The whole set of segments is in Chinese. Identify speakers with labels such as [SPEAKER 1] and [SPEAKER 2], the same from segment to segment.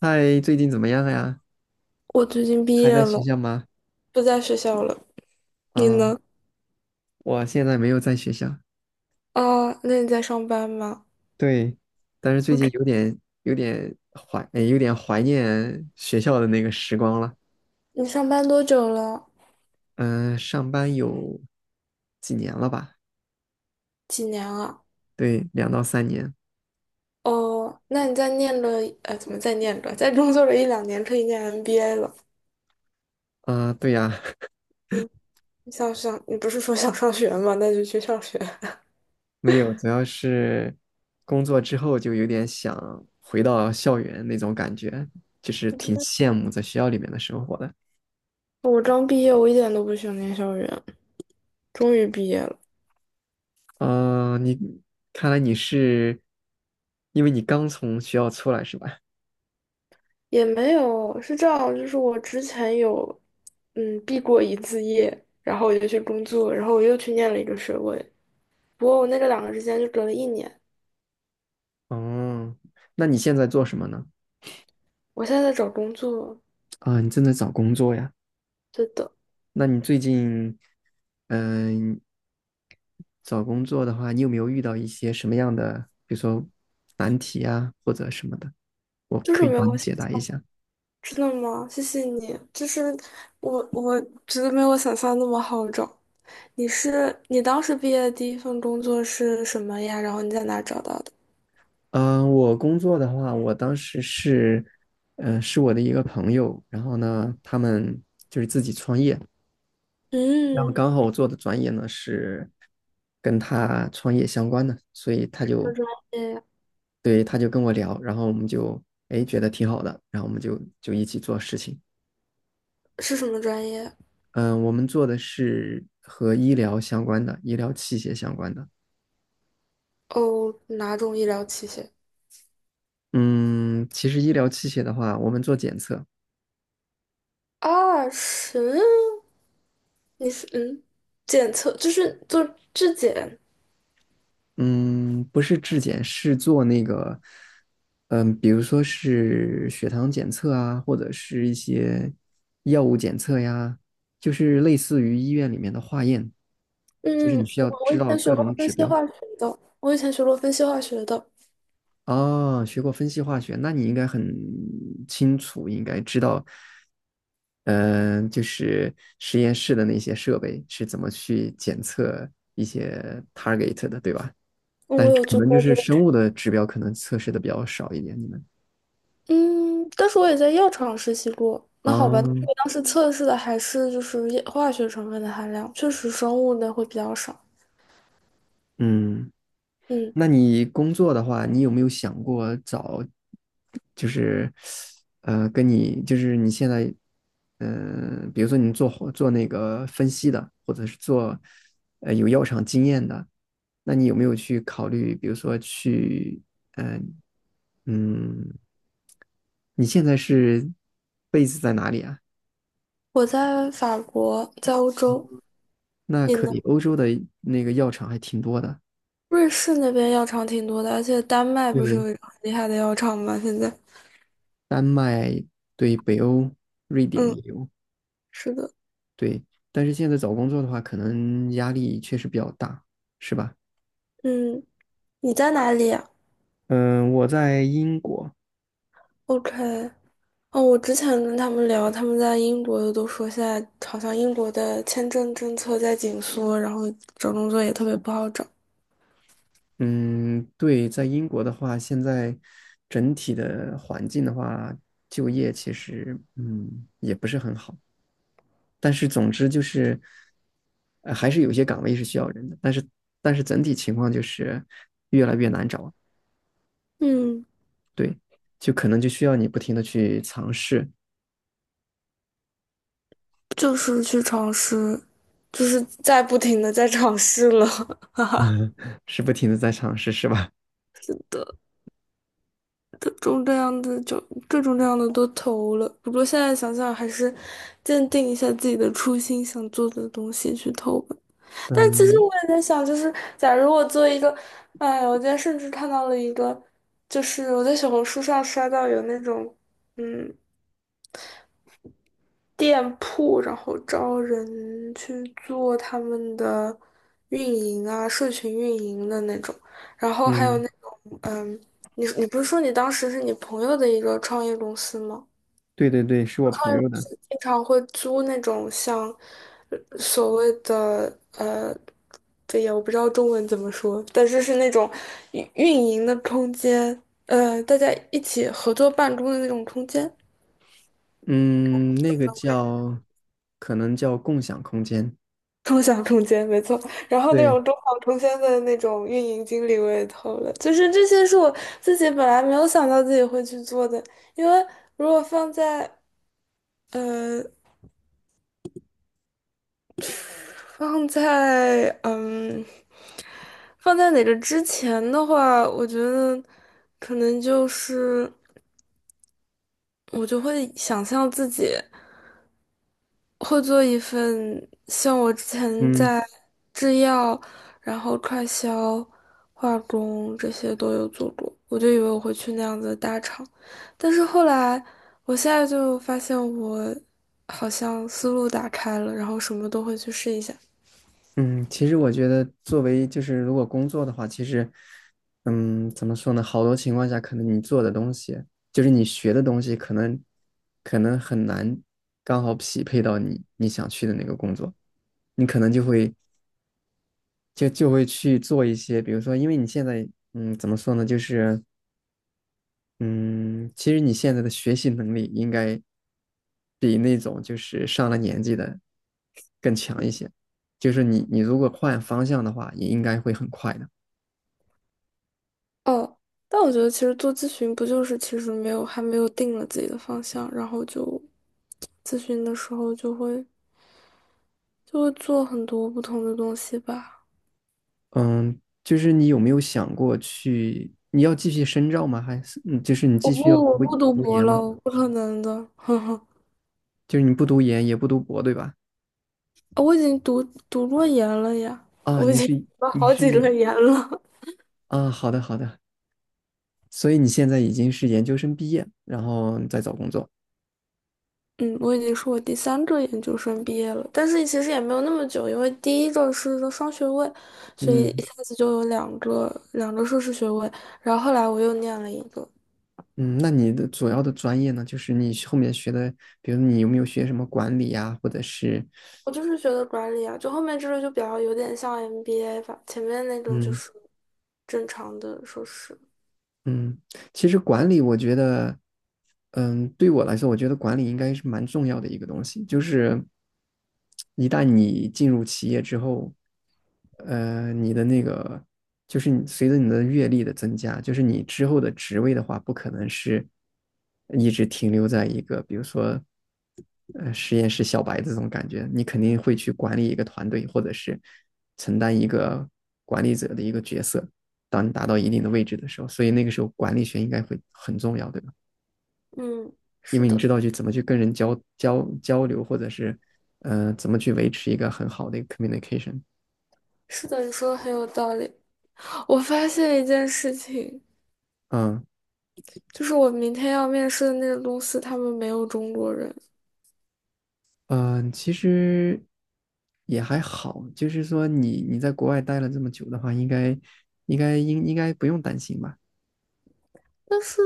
[SPEAKER 1] 嗨，最近怎么样呀？
[SPEAKER 2] 我最近毕
[SPEAKER 1] 还
[SPEAKER 2] 业
[SPEAKER 1] 在学
[SPEAKER 2] 了，
[SPEAKER 1] 校吗？
[SPEAKER 2] 不在学校了。你
[SPEAKER 1] 啊，
[SPEAKER 2] 呢？
[SPEAKER 1] 我现在没有在学校。
[SPEAKER 2] 啊，那你在上班吗？
[SPEAKER 1] 对，但是最
[SPEAKER 2] 我这
[SPEAKER 1] 近有点怀念学校的那个时光了。
[SPEAKER 2] 你上班多久了？
[SPEAKER 1] 嗯，上班有几年了吧？
[SPEAKER 2] 几年啊？
[SPEAKER 1] 对，2到3年。
[SPEAKER 2] 哦，那你在念了，怎么在念着？在工作了一两年，可以念 MBA 了。
[SPEAKER 1] 啊，对呀，
[SPEAKER 2] 嗯，你想上，你不是说想上学吗？那就去上学。
[SPEAKER 1] 没有，主要是工作之后就有点想回到校园那种感觉，就是挺 羡慕在学校里面的生活的。
[SPEAKER 2] 我刚毕业，我一点都不想念校园，终于毕业了，
[SPEAKER 1] 啊，看来你是，因为你刚从学校出来是吧？
[SPEAKER 2] 也没有，是这样，就是我之前有，毕过一次业，然后我就去工作，然后我又去念了一个学位，不过我那个两个之间就隔了一年，
[SPEAKER 1] 哦，那你现在做什么呢？
[SPEAKER 2] 我现在在找工作，
[SPEAKER 1] 啊，你正在找工作呀？
[SPEAKER 2] 对的
[SPEAKER 1] 那你最近，嗯、找工作的话，你有没有遇到一些什么样的，比如说难题啊，或者什么的？我
[SPEAKER 2] 就
[SPEAKER 1] 可
[SPEAKER 2] 是
[SPEAKER 1] 以
[SPEAKER 2] 没有
[SPEAKER 1] 帮你
[SPEAKER 2] 我想，
[SPEAKER 1] 解答一下。
[SPEAKER 2] 真的吗？谢谢你，就是我觉得没有我想象那么好找。你是你当时毕业的第一份工作是什么呀？然后你在哪找到的？
[SPEAKER 1] 我工作的话，我当时是，是我的一个朋友，然后呢，他们就是自己创业，然后
[SPEAKER 2] 嗯，
[SPEAKER 1] 刚
[SPEAKER 2] 什
[SPEAKER 1] 好我做的专业呢是跟他创业相关的，所以
[SPEAKER 2] 么专业呀？
[SPEAKER 1] 对，他就跟我聊，然后我们就哎觉得挺好的，然后我们就一起做事情。
[SPEAKER 2] 是什么专业？
[SPEAKER 1] 嗯，我们做的是和医疗相关的，医疗器械相关的。
[SPEAKER 2] 哦，哪种医疗器械？
[SPEAKER 1] 嗯，其实医疗器械的话，我们做检测，
[SPEAKER 2] 啊，是，你是检测就是做质检。
[SPEAKER 1] 嗯，不是质检，是做那个，比如说是血糖检测啊，或者是一些药物检测呀，就是类似于医院里面的化验，就是你
[SPEAKER 2] 嗯，
[SPEAKER 1] 需
[SPEAKER 2] 我
[SPEAKER 1] 要
[SPEAKER 2] 我
[SPEAKER 1] 知
[SPEAKER 2] 以
[SPEAKER 1] 道
[SPEAKER 2] 前学
[SPEAKER 1] 各
[SPEAKER 2] 过
[SPEAKER 1] 种
[SPEAKER 2] 分
[SPEAKER 1] 指
[SPEAKER 2] 析
[SPEAKER 1] 标。
[SPEAKER 2] 化学的，我以前学过分析化学的，
[SPEAKER 1] 哦，学过分析化学，那你应该很清楚，应该知道，嗯，就是实验室的那些设备是怎么去检测一些 target 的，对吧？
[SPEAKER 2] 嗯
[SPEAKER 1] 但
[SPEAKER 2] 我有
[SPEAKER 1] 可
[SPEAKER 2] 做
[SPEAKER 1] 能就
[SPEAKER 2] 过这
[SPEAKER 1] 是
[SPEAKER 2] 个，
[SPEAKER 1] 生物的指标可能测试的比较少一点。你们
[SPEAKER 2] 嗯，但是我也在药厂实习过。那好吧，但是
[SPEAKER 1] 啊，
[SPEAKER 2] 我当时测试的还是就是液化学成分的含量，确实生物的会比较少。
[SPEAKER 1] 嗯，
[SPEAKER 2] 嗯，
[SPEAKER 1] 那你工作的话，你有没有想过找，就是跟你就是你现在，比如说你做那个分析的，或者是做有药厂经验的，那你有没有去考虑，比如说去，嗯、嗯，你现在是 BA 在哪里啊？
[SPEAKER 2] 我在法国，在欧洲，
[SPEAKER 1] 那
[SPEAKER 2] 你
[SPEAKER 1] 可
[SPEAKER 2] 呢？
[SPEAKER 1] 以，欧洲的那个药厂还挺多的。
[SPEAKER 2] 瑞士那边药厂挺多的，而且丹麦不是
[SPEAKER 1] 对，
[SPEAKER 2] 有一个很厉害的药厂吗？现在，
[SPEAKER 1] 丹麦，对，北欧，瑞典
[SPEAKER 2] 嗯，
[SPEAKER 1] 也有，
[SPEAKER 2] 是的，
[SPEAKER 1] 对。但是现在找工作的话，可能压力确实比较大，是吧？
[SPEAKER 2] 嗯，你在哪里呀
[SPEAKER 1] 嗯，我在英国，
[SPEAKER 2] ？OK，哦，我之前跟他们聊，他们在英国的都说，现在好像英国的签证政策在紧缩，然后找工作也特别不好找。
[SPEAKER 1] 嗯，对，在英国的话，现在整体的环境的话，就业其实也不是很好。但是总之就是，还是有些岗位是需要人的，但是整体情况就是越来越难找，
[SPEAKER 2] 嗯，
[SPEAKER 1] 对，就可能就需要你不停的去尝试。
[SPEAKER 2] 就是去尝试，就是在不停的在尝试了，
[SPEAKER 1] 嗯，是不停的在尝试，是吧？
[SPEAKER 2] 各种各样的就各种各样的都投了。不过现在想想，还是坚定一下自己的初心，想做的东西去投吧。但其实
[SPEAKER 1] 嗯
[SPEAKER 2] 我也在想，就是假如我做一个，哎，我今天甚至看到了一个，就是我在小红书上刷到有那种，嗯，店铺，然后招人去做他们的运营啊，社群运营的那种，然后还有
[SPEAKER 1] 嗯，
[SPEAKER 2] 那种，你不是说你当时是你朋友的一个创业公司吗？
[SPEAKER 1] 对对对，是
[SPEAKER 2] 外
[SPEAKER 1] 我朋
[SPEAKER 2] 国
[SPEAKER 1] 友的。
[SPEAKER 2] 是经常会租那种像所谓的对呀，我不知道中文怎么说，但是是那种运营的空间，大家一起合作办公的那种空间，
[SPEAKER 1] 嗯，那个叫，可能叫共享空间。
[SPEAKER 2] 共享空间，没错。然后那
[SPEAKER 1] 对，
[SPEAKER 2] 种中小空间的那种运营经理我也投了，就是这些是我自己本来没有想到自己会去做的，因为如果放在。呃。放在放在哪个之前的话，我觉得可能就是我就会想象自己会做一份像我之前
[SPEAKER 1] 嗯
[SPEAKER 2] 在制药、然后快销、化工这些都有做过，我就以为我会去那样子的大厂，但是后来我现在就发现我好像思路打开了，然后什么都会去试一下。
[SPEAKER 1] 嗯，其实我觉得作为就是如果工作的话，其实，怎么说呢？好多情况下，可能你做的东西，就是你学的东西，可能很难刚好匹配到你想去的那个工作。你可能就会去做一些，比如说，因为你现在怎么说呢，就是嗯，其实你现在的学习能力应该比那种就是上了年纪的更强一些。就是你如果换方向的话，也应该会很快的。
[SPEAKER 2] 哦，但我觉得其实做咨询不就是其实没有还没有定了自己的方向，然后就咨询的时候就会就会做很多不同的东西吧。
[SPEAKER 1] 嗯，就是你有没有想过去？你要继续深造吗？还是就是你继续要读
[SPEAKER 2] 我不读
[SPEAKER 1] 读
[SPEAKER 2] 博
[SPEAKER 1] 研
[SPEAKER 2] 了，
[SPEAKER 1] 吗？
[SPEAKER 2] 我不可能的，呵呵。
[SPEAKER 1] 就是你不读研也不读博，对吧？
[SPEAKER 2] 我已经读过研了呀，
[SPEAKER 1] 啊，
[SPEAKER 2] 我已
[SPEAKER 1] 你
[SPEAKER 2] 经
[SPEAKER 1] 是
[SPEAKER 2] 读了
[SPEAKER 1] 你
[SPEAKER 2] 好几
[SPEAKER 1] 是
[SPEAKER 2] 轮研了。
[SPEAKER 1] 啊，好的好的。所以你现在已经是研究生毕业，然后再找工作。
[SPEAKER 2] 嗯，我已经是我第三个研究生毕业了，但是其实也没有那么久，因为第一个是个双学位，所以一
[SPEAKER 1] 嗯。
[SPEAKER 2] 下子就有两个硕士学位，然后后来我又念了一个。
[SPEAKER 1] 嗯，那你的主要的专业呢，就是你后面学的，比如你有没有学什么管理呀，或者是
[SPEAKER 2] 我就是学的管理啊，就后面这个就比较有点像 MBA 吧，前面那个就
[SPEAKER 1] 嗯
[SPEAKER 2] 是正常的硕士。
[SPEAKER 1] 嗯，其实管理，我觉得，对我来说，我觉得管理应该是蛮重要的一个东西。就是一旦你进入企业之后，你的那个，就是你随着你的阅历的增加，就是你之后的职位的话，不可能是一直停留在一个，比如说，实验室小白这种感觉，你肯定会去管理一个团队，或者是承担一个管理者的一个角色。当你达到一定的位置的时候，所以那个时候管理学应该会很重要，对吧？
[SPEAKER 2] 嗯，
[SPEAKER 1] 因
[SPEAKER 2] 是
[SPEAKER 1] 为你
[SPEAKER 2] 的，
[SPEAKER 1] 知道去怎么去跟人交流，或者是怎么去维持一个很好的一个 communication。
[SPEAKER 2] 是的，你说的很有道理。我发现一件事情，
[SPEAKER 1] 嗯
[SPEAKER 2] 就是我明天要面试的那个公司，他们没有中国人，
[SPEAKER 1] 嗯、其实也还好，就是说你你在国外待了这么久的话，应该不用担心吧？
[SPEAKER 2] 但是，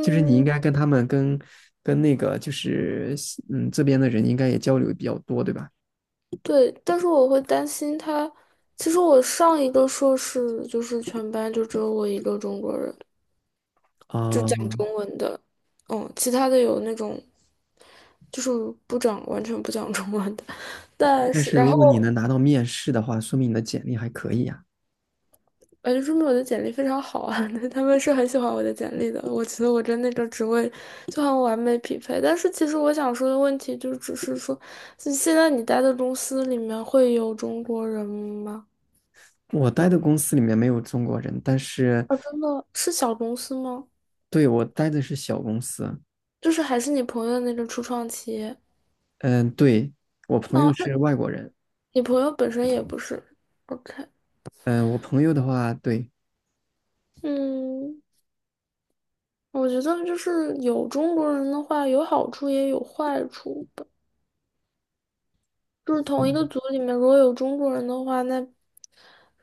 [SPEAKER 1] 就是你应该跟他们跟跟那个就是嗯这边的人应该也交流比较多，对吧？
[SPEAKER 2] 对，但是我会担心他。其实我上一个硕士就是全班就只有我一个中国人，就讲
[SPEAKER 1] 啊、
[SPEAKER 2] 中文的，其他的有那种就是不讲完全不讲中文的，但
[SPEAKER 1] 但
[SPEAKER 2] 是
[SPEAKER 1] 是
[SPEAKER 2] 然
[SPEAKER 1] 如
[SPEAKER 2] 后
[SPEAKER 1] 果你能拿到面试的话，说明你的简历还可以啊。
[SPEAKER 2] 哎，说明我的简历非常好啊，他们是很喜欢我的简历的，我觉得我跟那个职位就很完美匹配。但是其实我想说的问题就只是说，现在你待的公司里面会有中国人吗？
[SPEAKER 1] 我待的公司里面没有中国人，但是
[SPEAKER 2] 啊，真的是小公司吗？
[SPEAKER 1] 对，我待的是小公司。
[SPEAKER 2] 就是还是你朋友的那个初创企业？
[SPEAKER 1] 嗯，对，我朋友
[SPEAKER 2] 哦，那
[SPEAKER 1] 是外国人。
[SPEAKER 2] 你朋友本身也不是，OK。
[SPEAKER 1] 嗯，我朋友的话，对，
[SPEAKER 2] 嗯，我觉得就是有中国人的话，有好处也有坏处吧。就是同一个
[SPEAKER 1] 嗯
[SPEAKER 2] 组里面，如果有中国人的话，那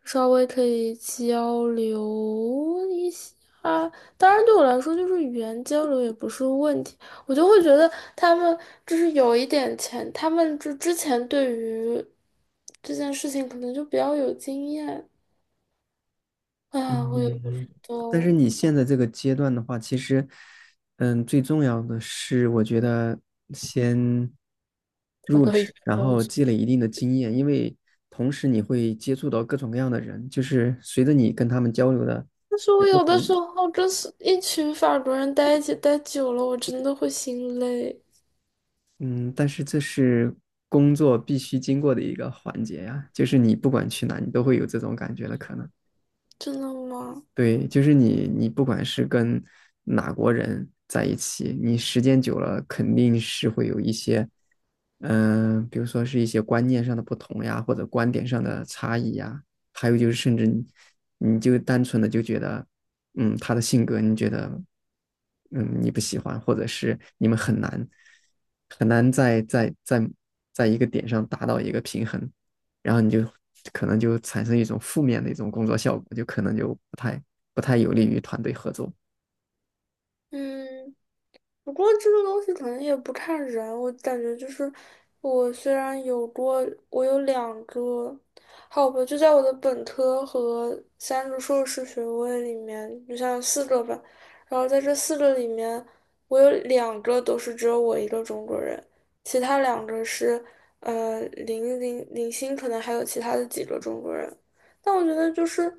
[SPEAKER 2] 稍微可以交流一下。当然，对我来说，就是语言交流也不是问题。我就会觉得他们就是有一点钱，他们就之前对于这件事情可能就比较有经验。啊，我也不知
[SPEAKER 1] 嗯，
[SPEAKER 2] 道，
[SPEAKER 1] 但是你现在这个阶段的话，其实，最重要的是，我觉得先
[SPEAKER 2] 找
[SPEAKER 1] 入
[SPEAKER 2] 到一
[SPEAKER 1] 职，
[SPEAKER 2] 份
[SPEAKER 1] 然
[SPEAKER 2] 工
[SPEAKER 1] 后
[SPEAKER 2] 作。
[SPEAKER 1] 积累一定的经验，因为同时你会接触到各种各样的人，就是随着你跟他们交流的
[SPEAKER 2] 但是
[SPEAKER 1] 有
[SPEAKER 2] 我
[SPEAKER 1] 不
[SPEAKER 2] 有的时
[SPEAKER 1] 同，
[SPEAKER 2] 候真是一群法国人待一起待久了，我真的会心累，
[SPEAKER 1] 嗯，但是这是工作必须经过的一个环节呀，就是你不管去哪，你都会有这种感觉的可能。
[SPEAKER 2] 真的吗？
[SPEAKER 1] 对，就是你不管是跟哪国人在一起，你时间久了肯定是会有一些，比如说是一些观念上的不同呀，或者观点上的差异呀，还有就是甚至你，就单纯的就觉得，他的性格你觉得，嗯，你不喜欢，或者是你们很难很难在一个点上达到一个平衡。然后你就可能就产生一种负面的一种工作效果，就可能就不太有利于团队合作。
[SPEAKER 2] 嗯，不过这个东西可能也不看人，我感觉就是我虽然有过，我有两个，好吧，就在我的本科和三个硕士学位里面，就像四个吧，然后在这四个里面，我有两个都是只有我一个中国人，其他两个是呃零星，可能还有其他的几个中国人，但我觉得就是。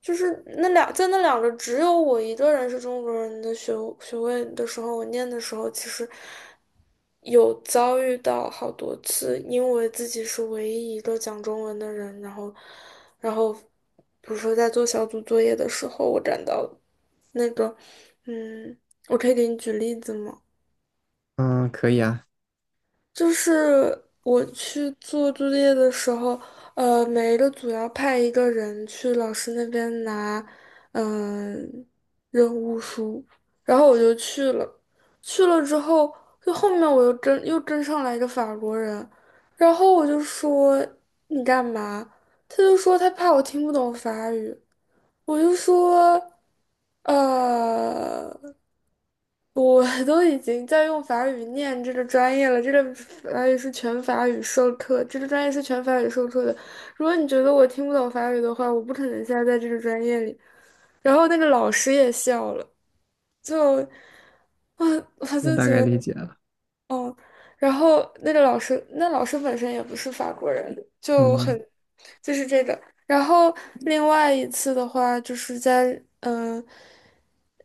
[SPEAKER 2] 就是在那两个只有我一个人是中国人的学位的时候，我念的时候其实有遭遇到好多次，因为自己是唯一一个讲中文的人，然后比如说在做小组作业的时候，我感到那个嗯，我可以给你举例子吗？
[SPEAKER 1] 嗯，可以啊，
[SPEAKER 2] 就是我去做作业的时候，每一个组要派一个人去老师那边拿，嗯、任务书，然后我就去了。去了之后，就后面我又跟上来一个法国人，然后我就说你干嘛？他就说他怕我听不懂法语，我就说，呃。我 都已经在用法语念这个专业了，这个法语是全法语授课，这个专业是全法语授课的。如果你觉得我听不懂法语的话，我不可能现在在这个专业里。然后那个老师也笑了，就，我我
[SPEAKER 1] 我
[SPEAKER 2] 就
[SPEAKER 1] 大
[SPEAKER 2] 觉
[SPEAKER 1] 概理
[SPEAKER 2] 得。
[SPEAKER 1] 解了。
[SPEAKER 2] 嗯，然后那个老师，那老师本身也不是法国人，就很，
[SPEAKER 1] 嗯，
[SPEAKER 2] 就是这个。然后另外一次的话，就是在嗯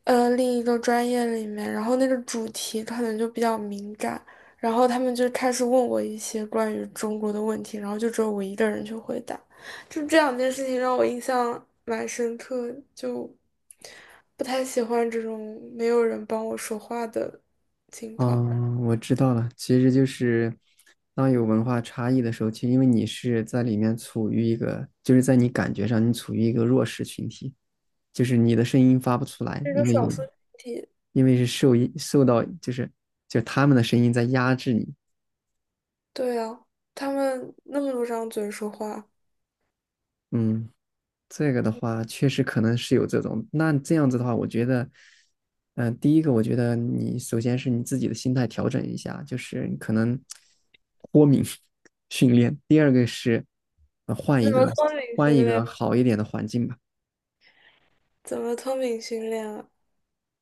[SPEAKER 2] 另一个专业里面，然后那个主题可能就比较敏感，然后他们就开始问我一些关于中国的问题，然后就只有我一个人去回答，就这两件事情让我印象蛮深刻，就不太喜欢这种没有人帮我说话的情况。
[SPEAKER 1] 哦，我知道了，其实就是当有文化差异的时候，其实因为你是在里面处于一个，就是在你感觉上你处于一个弱势群体，就是你的声音发不出来，
[SPEAKER 2] 这个
[SPEAKER 1] 因为
[SPEAKER 2] 少数群体，
[SPEAKER 1] 是受到就他们的声音在压制你。
[SPEAKER 2] 对啊，他们那么多张嘴说话，
[SPEAKER 1] 嗯。这个的话，确实可能是有这种。那这样子的话，我觉得，第一个，我觉得你首先是你自己的心态调整一下，就是你可能脱敏 训练。第二个是，换一
[SPEAKER 2] 怎么
[SPEAKER 1] 个
[SPEAKER 2] 脱敏训练？
[SPEAKER 1] 好一点的环境吧。
[SPEAKER 2] 怎么脱敏训练啊？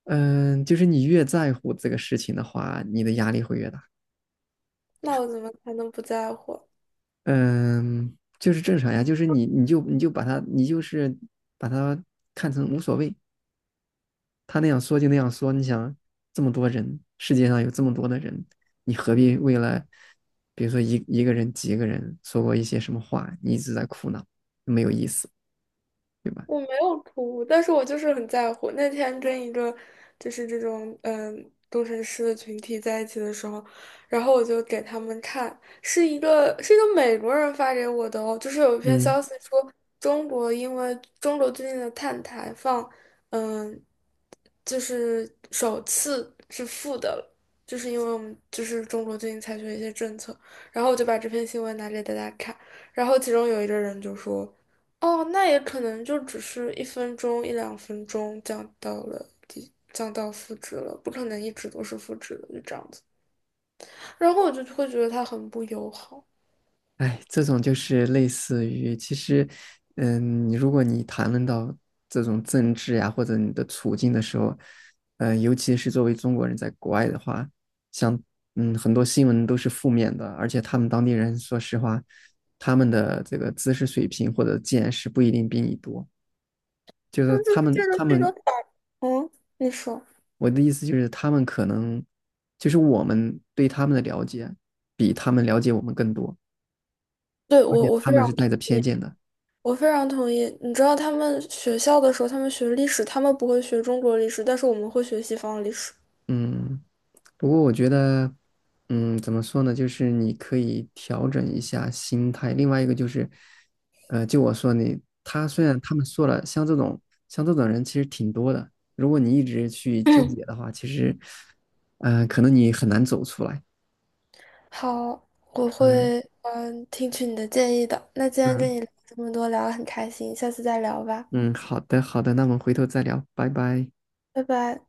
[SPEAKER 1] 嗯，就是你越在乎这个事情的话，你的压力会越大。
[SPEAKER 2] 那我怎么才能不在乎啊？
[SPEAKER 1] 嗯，就是正常呀，就是你就把它看成无所谓，他那样说就那样说，你想这么多人，世界上有这么多的人，你何必为了，比如说一个人、几个人说过一些什么话，你一直在苦恼，没有意思，对吧？
[SPEAKER 2] 我没有哭，但是我就是很在乎。那天跟一个就是这种工程师的群体在一起的时候，然后我就给他们看，是一个美国人发给我的哦，就是有一篇
[SPEAKER 1] 嗯。
[SPEAKER 2] 消息说因为中国最近的碳排放，嗯，就是首次是负的了，就是因为我们就是中国最近采取了一些政策，然后我就把这篇新闻拿给大家看，然后其中有一个人就说。哦，那也可能就只是一分钟、一两分钟降到负值了，不可能一直都是负值的，就这样子。然后我就会觉得他很不友好。
[SPEAKER 1] 哎，这种就是类似于，其实，你如果谈论到这种政治呀、或者你的处境的时候，尤其是作为中国人在国外的话，像很多新闻都是负面的，而且他们当地人说实话，他们的这个知识水平或者见识不一定比你多，就
[SPEAKER 2] 但
[SPEAKER 1] 是
[SPEAKER 2] 是
[SPEAKER 1] 他们他
[SPEAKER 2] 这个
[SPEAKER 1] 们
[SPEAKER 2] 你说，
[SPEAKER 1] 我的意思就是他们可能就是我们对他们的了解比他们了解我们更多，
[SPEAKER 2] 对，
[SPEAKER 1] 而且
[SPEAKER 2] 我我
[SPEAKER 1] 他
[SPEAKER 2] 非
[SPEAKER 1] 们
[SPEAKER 2] 常
[SPEAKER 1] 是带着偏见的，
[SPEAKER 2] 我非常同意。你知道他们学校的时候，他们学历史，他们不会学中国历史，但是我们会学西方历史。
[SPEAKER 1] 嗯。不过我觉得，怎么说呢？就是你可以调整一下心态。另外一个就是，就我说你，虽然他们说了，像这种人其实挺多的。如果你一直去纠结的话，其实，可能你很难走出来。
[SPEAKER 2] 好，我
[SPEAKER 1] 嗯
[SPEAKER 2] 会听取你的建议的。那今天跟
[SPEAKER 1] 嗯
[SPEAKER 2] 你聊这么多，聊得很开心，下次再聊吧，
[SPEAKER 1] 嗯，好的好的，那我们回头再聊，拜拜。
[SPEAKER 2] 拜拜。